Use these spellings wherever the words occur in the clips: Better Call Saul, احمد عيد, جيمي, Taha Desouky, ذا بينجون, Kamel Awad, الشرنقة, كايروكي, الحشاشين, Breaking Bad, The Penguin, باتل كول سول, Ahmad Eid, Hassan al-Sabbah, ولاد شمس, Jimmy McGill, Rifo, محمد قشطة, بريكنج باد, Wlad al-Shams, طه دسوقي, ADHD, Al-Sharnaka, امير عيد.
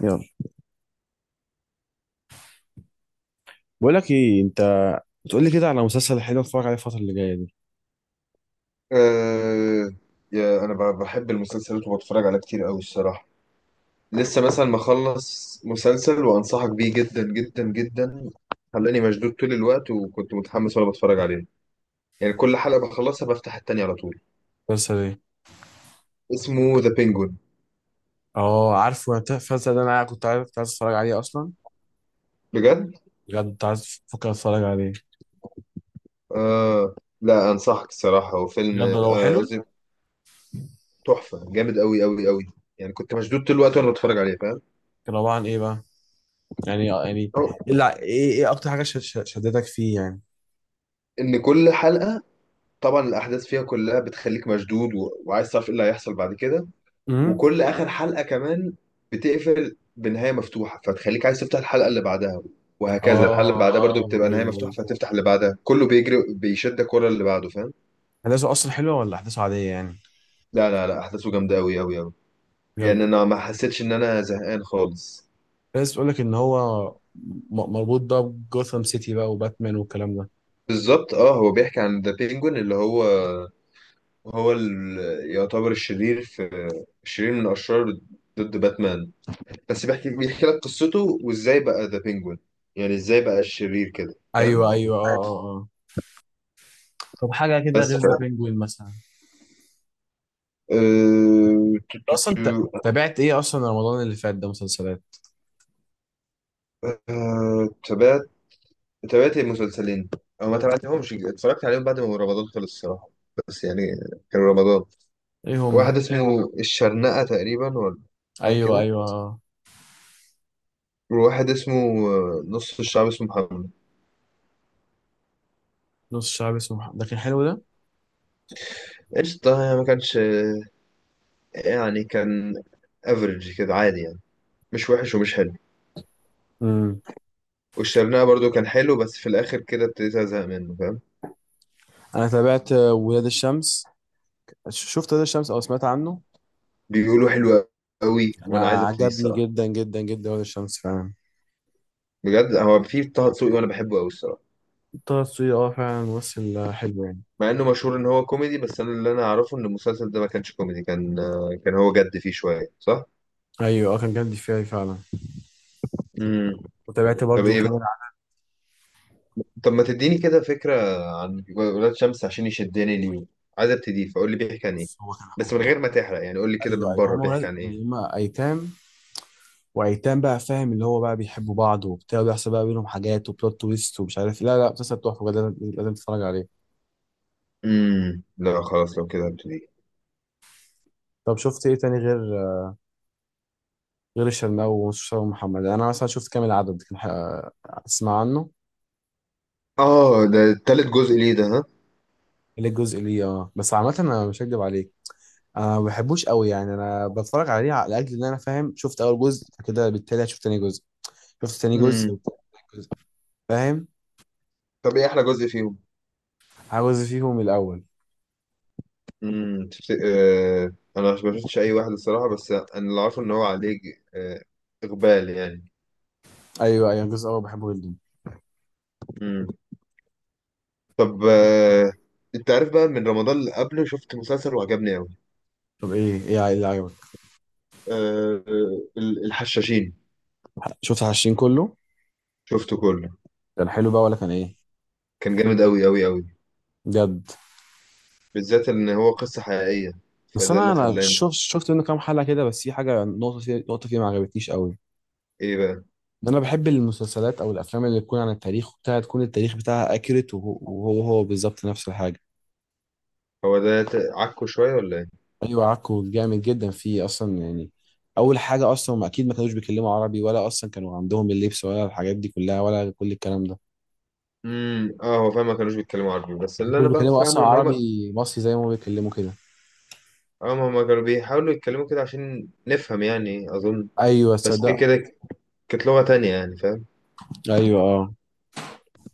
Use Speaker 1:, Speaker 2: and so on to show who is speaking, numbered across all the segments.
Speaker 1: يلا، بقول لك ايه انت، بتقول لي كده على مسلسل حلو اتفرج عليه الفتره اللي جايه دي.
Speaker 2: أه. يا انا بحب المسلسلات وبتفرج عليها كتير قوي الصراحه. لسه مثلا مخلص مسلسل وانصحك بيه جدا جدا جدا. خلاني مشدود طول الوقت وكنت متحمس وانا بتفرج عليه، يعني كل حلقه بخلصها بفتح التانية على طول.
Speaker 1: مسلسل ايه؟
Speaker 2: اسمه ذا بينجون.
Speaker 1: اه، عارفه. أنا المسلسل ده انا كنت عايز اتفرج عليه اصلا.
Speaker 2: بجد.
Speaker 1: بجد كنت عايز افكر اتفرج عليه.
Speaker 2: أه. لا انصحك الصراحه، هو فيلم
Speaker 1: بجد لو حلو؟
Speaker 2: قصدي تحفه، جامد قوي قوي قوي. يعني كنت مشدود طول الوقت وانا بتفرج عليه، فاهم؟
Speaker 1: كان عباره عن ايه بقى؟ يعني
Speaker 2: أو-
Speaker 1: ايه اكتر حاجه شدتك فيه يعني؟
Speaker 2: ان كل حلقه طبعا الاحداث فيها كلها بتخليك مشدود وعايز تعرف ايه اللي هيحصل بعد كده.
Speaker 1: امم
Speaker 2: وكل اخر حلقه كمان بتقفل بنهايه مفتوحه فتخليك عايز تفتح الحلقه اللي بعدها، وهكذا الحلقه اللي
Speaker 1: اه،
Speaker 2: بعدها برضو اه
Speaker 1: ايوه،
Speaker 2: بتبقى نهايه مفتوحه
Speaker 1: أيوه.
Speaker 2: فتفتح اللي بعدها، كله بيجري بيشدك ورا اللي بعده، فاهم؟
Speaker 1: احداثه اصلا حلوه ولا احداثه عاديه يعني؟
Speaker 2: لا لا لا، احداثه جامده قوي قوي قوي. يعني
Speaker 1: بجد؟
Speaker 2: انا ما حسيتش ان انا زهقان خالص.
Speaker 1: بس بتقول لك ان هو مربوط بقى بجوثام سيتي بقى وباتمان والكلام ده.
Speaker 2: بالظبط، اه هو بيحكي عن ذا بينجوين اللي هو، هو ال- يعتبر الشرير في، الشرير من اشرار ضد باتمان. بس بيحكي لك قصته، وازاي بقى ذا بينجوين، يعني ازاي بقى الشرير كده، فاهم؟
Speaker 1: ايوه، ايوه، اه، اه، اه. طب حاجه كده
Speaker 2: بس
Speaker 1: غير ذا بينجوين مثلا؟
Speaker 2: أه... تو- تو-
Speaker 1: اصلا انت
Speaker 2: تو-
Speaker 1: تابعت ايه اصلا رمضان اللي فات ده مسلسلات؟
Speaker 2: تابعت. تابعت المسلسلين او ما تابعتهمش، اتفرجت عليهم بعد ما رمضان خلص الصراحه. بس يعني كان رمضان
Speaker 1: ايه هم؟
Speaker 2: واحد اسمه الشرنقة تقريبا ولا حاجه
Speaker 1: ايوه،
Speaker 2: كده،
Speaker 1: ايوه،
Speaker 2: وواحد اسمه نص الشعب اسمه محمد.
Speaker 1: نص الشعب اسمه محمد ده كان حلو ده.
Speaker 2: قشطة، يعني ما كانش يعني كان افريج كده عادي يعني، مش وحش ومش حلو.
Speaker 1: امم.
Speaker 2: والشرنقة برضو كان حلو بس في الاخر كده ابتديت ازهق منه، فاهم؟
Speaker 1: انا تابعت ولاد الشمس. شفت ولاد الشمس او سمعت عنه؟
Speaker 2: بيقولوا حلو قوي وانا عايز
Speaker 1: انا
Speaker 2: ابتدي
Speaker 1: عجبني
Speaker 2: الصراحه.
Speaker 1: جدا جدا جدا ولاد الشمس فعلا.
Speaker 2: بجد، هو في طه دسوقي وانا بحبه قوي الصراحه.
Speaker 1: طه دسوقي، اه فعلا ممثل حلو يعني.
Speaker 2: مع انه مشهور ان هو كوميدي، بس انا اللي انا اعرفه ان المسلسل ده ما كانش كوميدي، كان كان هو جد فيه شويه، صح.
Speaker 1: ايوه، اه كان جامد فيها فعلا.
Speaker 2: امم.
Speaker 1: وتابعت
Speaker 2: طب
Speaker 1: برضو
Speaker 2: ايه بقى؟
Speaker 1: كامل عرف.
Speaker 2: طب ما تديني كده فكره عن ولاد شمس، عشان يشدني ليه. عايز ابتدي، فقول لي بيحكي عن ايه.
Speaker 1: هو كان
Speaker 2: بس من غير
Speaker 1: حمار.
Speaker 2: ما تحرق يعني، قول لي كده
Speaker 1: ايوه،
Speaker 2: من
Speaker 1: ايوه،
Speaker 2: بره
Speaker 1: هم
Speaker 2: بيحكي
Speaker 1: ولاد
Speaker 2: عن ايه.
Speaker 1: اللي هم ايتام وايتام بقى فاهم. اللي هو بقى بيحبوا بعض وبتاع وبيحصل بقى بينهم حاجات وبلوت تويست ومش عارف إيه. لا، لا، مسلسل تحفه بجد، لازم لازم تتفرج عليه.
Speaker 2: امم، لا خلاص لو كده هبتدي.
Speaker 1: طب شفت ايه تاني غير الشرنقة ومصطفى محمد؟ انا مثلا شفت كامل العدد كان اسمع عنه.
Speaker 2: اه ده تالت جزء ليه ده، ها.
Speaker 1: اللي الجزء ليه اه. بس عامة انا مش هكدب عليك، انا ما بحبوش قوي يعني. انا بتفرج عليه لاجل ان انا فاهم، شفت اول جزء فكده بالتالي هشوف تاني جزء. شفت تاني جزء
Speaker 2: امم.
Speaker 1: وبتاع تالت جزء فاهم.
Speaker 2: طب ايه احلى جزء فيهم؟
Speaker 1: عاوز فيهم الاول.
Speaker 2: انا ما شفتش اي واحد الصراحه، بس انا اللي عارفه ان هو عليه آه... اقبال يعني.
Speaker 1: ايوه، ايوه، الجزء الاول بحبه جدا.
Speaker 2: امم. طب انت عارف بقى من رمضان اللي قبله شفت مسلسل وعجبني قوي.
Speaker 1: طب ايه اللي عجبك؟
Speaker 2: آه، الحشاشين.
Speaker 1: شفت 20 كله؟
Speaker 2: شفته كله.
Speaker 1: كان حلو بقى ولا كان ايه؟
Speaker 2: كان جامد قوي قوي قوي،
Speaker 1: بجد؟
Speaker 2: بالذات ان هو قصة حقيقية.
Speaker 1: بس
Speaker 2: فده
Speaker 1: انا
Speaker 2: اللي
Speaker 1: انا
Speaker 2: خلاني،
Speaker 1: شفت منه كام حلقة كده. بس في حاجة نقطة فيه ما عجبتنيش قوي.
Speaker 2: ايه بقى.
Speaker 1: ده انا بحب المسلسلات او الافلام اللي تكون عن التاريخ وبتاعها تكون التاريخ بتاعها اكيوريت. وهو بالظبط نفس الحاجه.
Speaker 2: هو ده عكه شوية ولا ايه؟
Speaker 1: ايوه، عكو جامد جدا فيه اصلا يعني. اول حاجه اصلا هم اكيد ما كانوش بيتكلموا عربي، ولا اصلا كانوا عندهم اللبس ولا الحاجات دي كلها ولا كل الكلام ده.
Speaker 2: امم، اه هو فاهم ما كانوش بيتكلموا عربي، بس
Speaker 1: ما
Speaker 2: اللي
Speaker 1: كانوش
Speaker 2: انا بقى
Speaker 1: بيتكلموا اصلا
Speaker 2: فاهمه ان هما،
Speaker 1: عربي مصري زي ما هم بيتكلموا كده.
Speaker 2: اه هما كانوا بيحاولوا يتكلموا كده عشان نفهم يعني، اظن.
Speaker 1: ايوه
Speaker 2: بس دي
Speaker 1: صدق.
Speaker 2: كده كانت لغة تانية يعني، فاهم؟
Speaker 1: ايوه اه.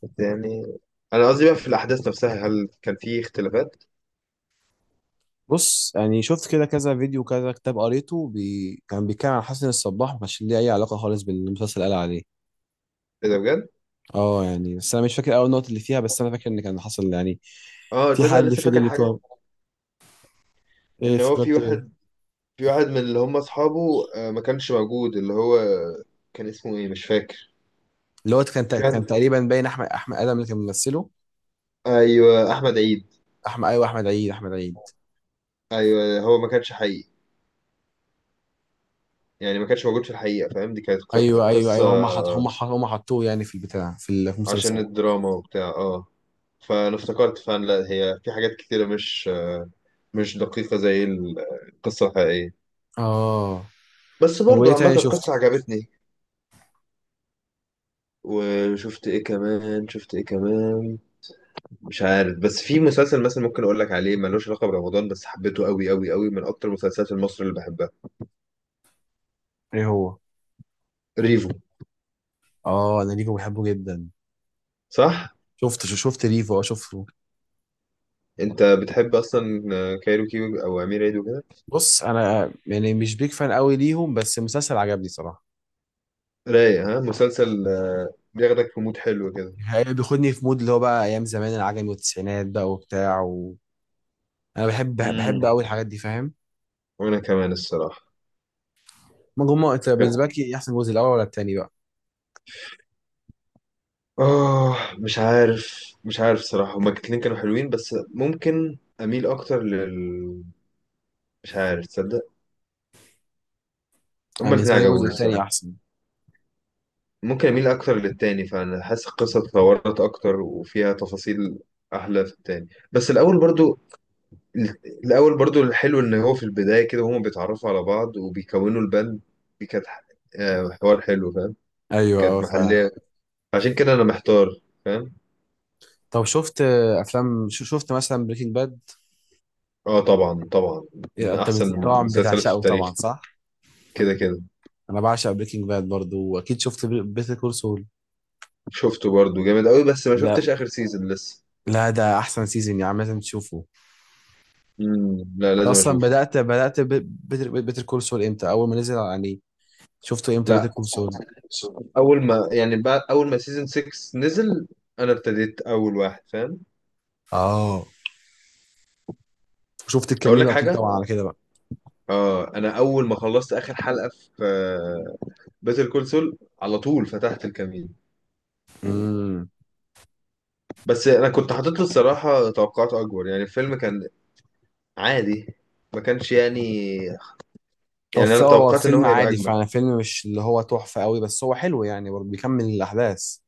Speaker 2: بس يعني انا قصدي بقى في الاحداث نفسها هل كان في اختلافات.
Speaker 1: بص يعني شفت كده كذا فيديو كذا كتاب قريته كان بيتكلم عن حسن الصباح، ما كانش ليه اي علاقه خالص بالمسلسل اللي قال عليه.
Speaker 2: ايه ده بجد؟
Speaker 1: اه يعني، بس انا مش فاكر اول نقطه اللي فيها. بس انا فاكر ان كان حصل يعني،
Speaker 2: اه
Speaker 1: في
Speaker 2: تصدق أنا
Speaker 1: حد
Speaker 2: لسه
Speaker 1: في
Speaker 2: فاكر
Speaker 1: اللي
Speaker 2: حاجة،
Speaker 1: بتوع. ايه
Speaker 2: ان هو في
Speaker 1: افتكرت ايه؟
Speaker 2: واحد، في واحد من اللي هم اصحابه ما كانش موجود اللي هو، كان اسمه ايه مش فاكر.
Speaker 1: اللي هو
Speaker 2: في
Speaker 1: كان
Speaker 2: واحد،
Speaker 1: تقريبا باين احمد ادم اللي كان ممثله.
Speaker 2: ايوه احمد عيد.
Speaker 1: احمد، ايوه، احمد عيد، احمد عيد.
Speaker 2: ايوه هو ما كانش حقيقي، يعني ما كانش موجود في الحقيقة، فاهم؟ دي كانت
Speaker 1: ايوه، ايوه،
Speaker 2: قصة
Speaker 1: ايوه، هم حطوه يعني في البتاع في المسلسل.
Speaker 2: عشان الدراما وبتاع، اه. فانا افتكرت فعلا، لا هي في حاجات كتيرة مش مش دقيقة زي القصة الحقيقية،
Speaker 1: اه.
Speaker 2: بس
Speaker 1: طب وايه
Speaker 2: برضو عامة
Speaker 1: تاني شفته؟
Speaker 2: القصة عجبتني. وشفت ايه كمان؟ شفت ايه كمان؟ مش عارف، بس في مسلسل مثلا ممكن اقول لك عليه ملوش علاقه برمضان بس حبيته قوي قوي قوي، من اكتر المسلسلات المصري اللي بحبها.
Speaker 1: ايه هو؟
Speaker 2: ريفو.
Speaker 1: اه، انا ريفو بحبه جدا.
Speaker 2: صح.
Speaker 1: شفت ريفو، اه شفته.
Speaker 2: انت بتحب اصلا كايروكي او امير عيد وكده؟
Speaker 1: بص انا يعني مش بيك فان قوي ليهم، بس المسلسل عجبني صراحه.
Speaker 2: رايق. ها مسلسل بياخدك في مود حلو كده.
Speaker 1: بياخدني في مود اللي هو بقى ايام زمان العجمي والتسعينات بقى وبتاع انا بحب
Speaker 2: امم.
Speaker 1: قوي الحاجات دي فاهم.
Speaker 2: وانا كمان الصراحه.
Speaker 1: ما هم انت بالنسبه لك إيه احسن جزء، الاول ولا التاني بقى؟
Speaker 2: اه مش عارف، مش عارف الصراحه، هما الاتنين كانوا حلوين، بس ممكن اميل اكتر لل، مش عارف تصدق،
Speaker 1: انا
Speaker 2: هما الاتنين
Speaker 1: بالنسبه لي الجزء
Speaker 2: عجبوني
Speaker 1: التاني
Speaker 2: الصراحه.
Speaker 1: احسن.
Speaker 2: ممكن اميل اكتر للتاني، فانا حاسس القصه اتطورت اكتر وفيها تفاصيل احلى في التاني، بس الاول برضو، الاول برضو الحلو ان هو في البدايه كده هما بيتعرفوا على بعض وبيكونوا البند. دي كانت حوار حلو فاهم،
Speaker 1: ايوه،
Speaker 2: كانت
Speaker 1: اه فعلا.
Speaker 2: محليه. عشان كده انا محتار، فاهم؟
Speaker 1: طب شفت افلام، شفت مثلا بريكنج باد؟
Speaker 2: اه طبعا طبعا، من
Speaker 1: انت
Speaker 2: احسن
Speaker 1: طبعا
Speaker 2: المسلسلات في
Speaker 1: بتعشقه
Speaker 2: التاريخ.
Speaker 1: طبعا، صح؟
Speaker 2: كده كده.
Speaker 1: انا بعشق بريكنج باد برضو، واكيد شفت بيتر كول سول.
Speaker 2: شفته برضو جامد قوي، بس ما
Speaker 1: ده
Speaker 2: شفتش اخر سيزون لسه.
Speaker 1: لا، ده احسن سيزون يعني، لازم تشوفه.
Speaker 2: لا
Speaker 1: انت
Speaker 2: لازم
Speaker 1: اصلا
Speaker 2: اشوف.
Speaker 1: بدات بيتر كول سول امتى، اول ما نزل يعني؟ شفته امتى بيتر
Speaker 2: لا،
Speaker 1: كول سول؟
Speaker 2: اول ما يعني، بعد اول ما سيزون 6 نزل انا ابتديت اول واحد، فاهم.
Speaker 1: اه، شفت
Speaker 2: اقول لك
Speaker 1: الكامينو اكيد
Speaker 2: حاجه،
Speaker 1: طبعا على كده بقى.
Speaker 2: اه انا اول ما خلصت اخر حلقه في باتل كول سول على طول فتحت الكمين.
Speaker 1: امم.
Speaker 2: بس انا كنت حاطط له الصراحه توقعات اكبر، يعني الفيلم كان عادي، ما كانش يعني، يعني انا
Speaker 1: هو
Speaker 2: توقعت ان هو
Speaker 1: فيلم
Speaker 2: هيبقى
Speaker 1: عادي
Speaker 2: اجمل.
Speaker 1: فعلا، فيلم مش اللي هو تحفه قوي، بس هو حلو يعني برضه بيكمل الاحداث.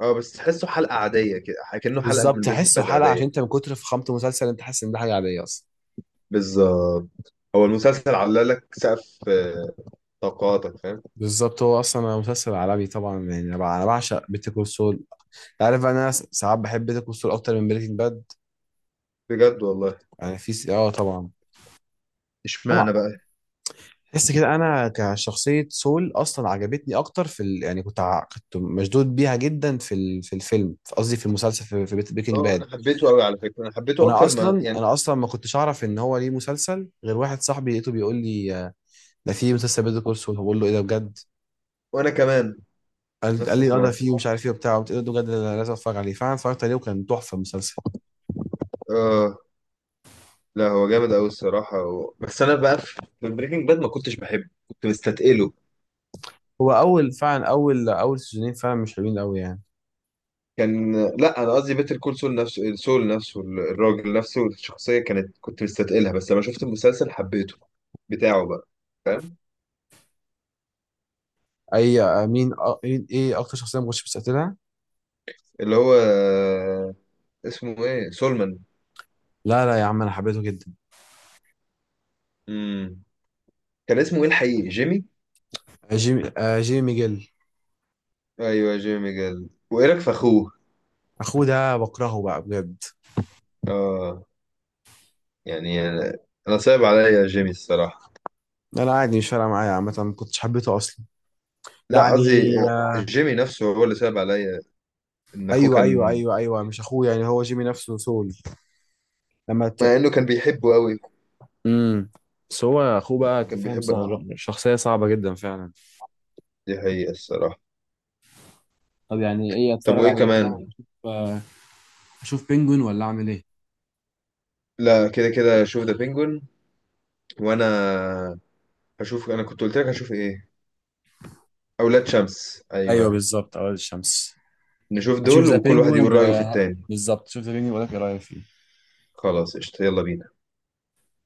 Speaker 2: اه بس تحسه حلقه عاديه كده، كانه حلقه
Speaker 1: بالظبط
Speaker 2: من بريكنج
Speaker 1: تحسه
Speaker 2: باد
Speaker 1: حلقة،
Speaker 2: عاديه.
Speaker 1: عشان انت من كتر فخامة المسلسل انت حاسس ان ده حاجة عادية اصلا.
Speaker 2: بالظبط، هو المسلسل علالك سقف توقعاتك، فاهم.
Speaker 1: بالظبط، هو اصلا مسلسل عالمي طبعا يعني. انا أنا بعشق بيتر كول سول. عارف بقى، انا ساعات بحب بيتر كول سول اكتر من بريكنج باد.
Speaker 2: بجد والله.
Speaker 1: يعني في اه طبعا. هما
Speaker 2: اشمعنى بقى؟
Speaker 1: تحس كده، انا كشخصية سول اصلا عجبتني اكتر في يعني كنت مشدود بيها جدا في في الفيلم قصدي في المسلسل، في بريكنج
Speaker 2: اه
Speaker 1: باد.
Speaker 2: انا حبيته قوي على فكره، انا حبيته
Speaker 1: انا
Speaker 2: اكتر ما
Speaker 1: اصلا
Speaker 2: يعني.
Speaker 1: انا اصلا ما كنتش اعرف ان هو ليه مسلسل، غير واحد صاحبي لقيته بيقول لي ده في مسلسل بيتر كول سول. بقول له ايه ده بجد؟
Speaker 2: وانا كمان،
Speaker 1: قال
Speaker 2: نفس
Speaker 1: لي اه ده
Speaker 2: الحوار.
Speaker 1: فيه ومش عارف ايه وبتاع. قلت له ده بجد، أنا لازم اتفرج عليه. فعلا اتفرجت عليه وكان تحفه المسلسل.
Speaker 2: اه لا هو جامد قوي الصراحه بس انا بقى في بريكنج باد ما كنتش بحبه، كنت مستثقله.
Speaker 1: هو اول فعلا، اول اول سيزونين فعلا مش حلوين قوي يعني.
Speaker 2: كان، لا انا قصدي بيتر كول سول نفسه، سول نفسه، الراجل نفسه الشخصيه كانت، كنت مستثقلها بس لما شفت المسلسل حبيته بتاعه بقى، فاهم.
Speaker 1: اي مين ايه اكتر شخصيه ما كنتش مستقتلها؟
Speaker 2: اللي هو اسمه ايه سولمان.
Speaker 1: لا، لا يا عم، انا حبيته جدا.
Speaker 2: امم. كان اسمه ايه الحقيقي، جيمي.
Speaker 1: جيمي ميجيل.
Speaker 2: ايوه جيمي جال. وايه رايك في اخوه؟
Speaker 1: اخوه ده بكرهه بقى بجد.
Speaker 2: اه يعني انا صعب عليا جيمي الصراحه.
Speaker 1: انا عادي، مش فارقه معايا عامه، ما كنتش حبيته اصلا
Speaker 2: لا
Speaker 1: يعني.
Speaker 2: قصدي
Speaker 1: آه،
Speaker 2: جيمي نفسه هو اللي صعب عليا، ان اخوه
Speaker 1: ايوه، ايوه،
Speaker 2: كان،
Speaker 1: ايوه، ايوه، مش اخوه يعني، هو جيمي نفسه سول. لما
Speaker 2: مع انه كان بيحبه قوي،
Speaker 1: امم بس هو اخوه بقى، انت
Speaker 2: كان
Speaker 1: فاهم
Speaker 2: بيحب الحب،
Speaker 1: شخصيه صعبه جدا فعلا.
Speaker 2: دي حقيقه الصراحه.
Speaker 1: طب يعني ايه،
Speaker 2: طب
Speaker 1: اتفرج
Speaker 2: وايه
Speaker 1: على ايه كده،
Speaker 2: كمان؟
Speaker 1: اشوف بينجوين ولا اعمل ايه؟
Speaker 2: لا كده كده شوف ذا بينجون. وانا هشوف، انا كنت قلت لك هشوف ايه، اولاد شمس،
Speaker 1: ايوه
Speaker 2: ايوه.
Speaker 1: بالظبط، اول الشمس.
Speaker 2: نشوف
Speaker 1: هشوف
Speaker 2: دول
Speaker 1: ذا
Speaker 2: وكل واحد
Speaker 1: بينجوين
Speaker 2: يقول رايه في التاني.
Speaker 1: بالظبط، شوف ذا بينجوين، ولا ايه رايك فيه؟
Speaker 2: خلاص قشطه، يلا بينا.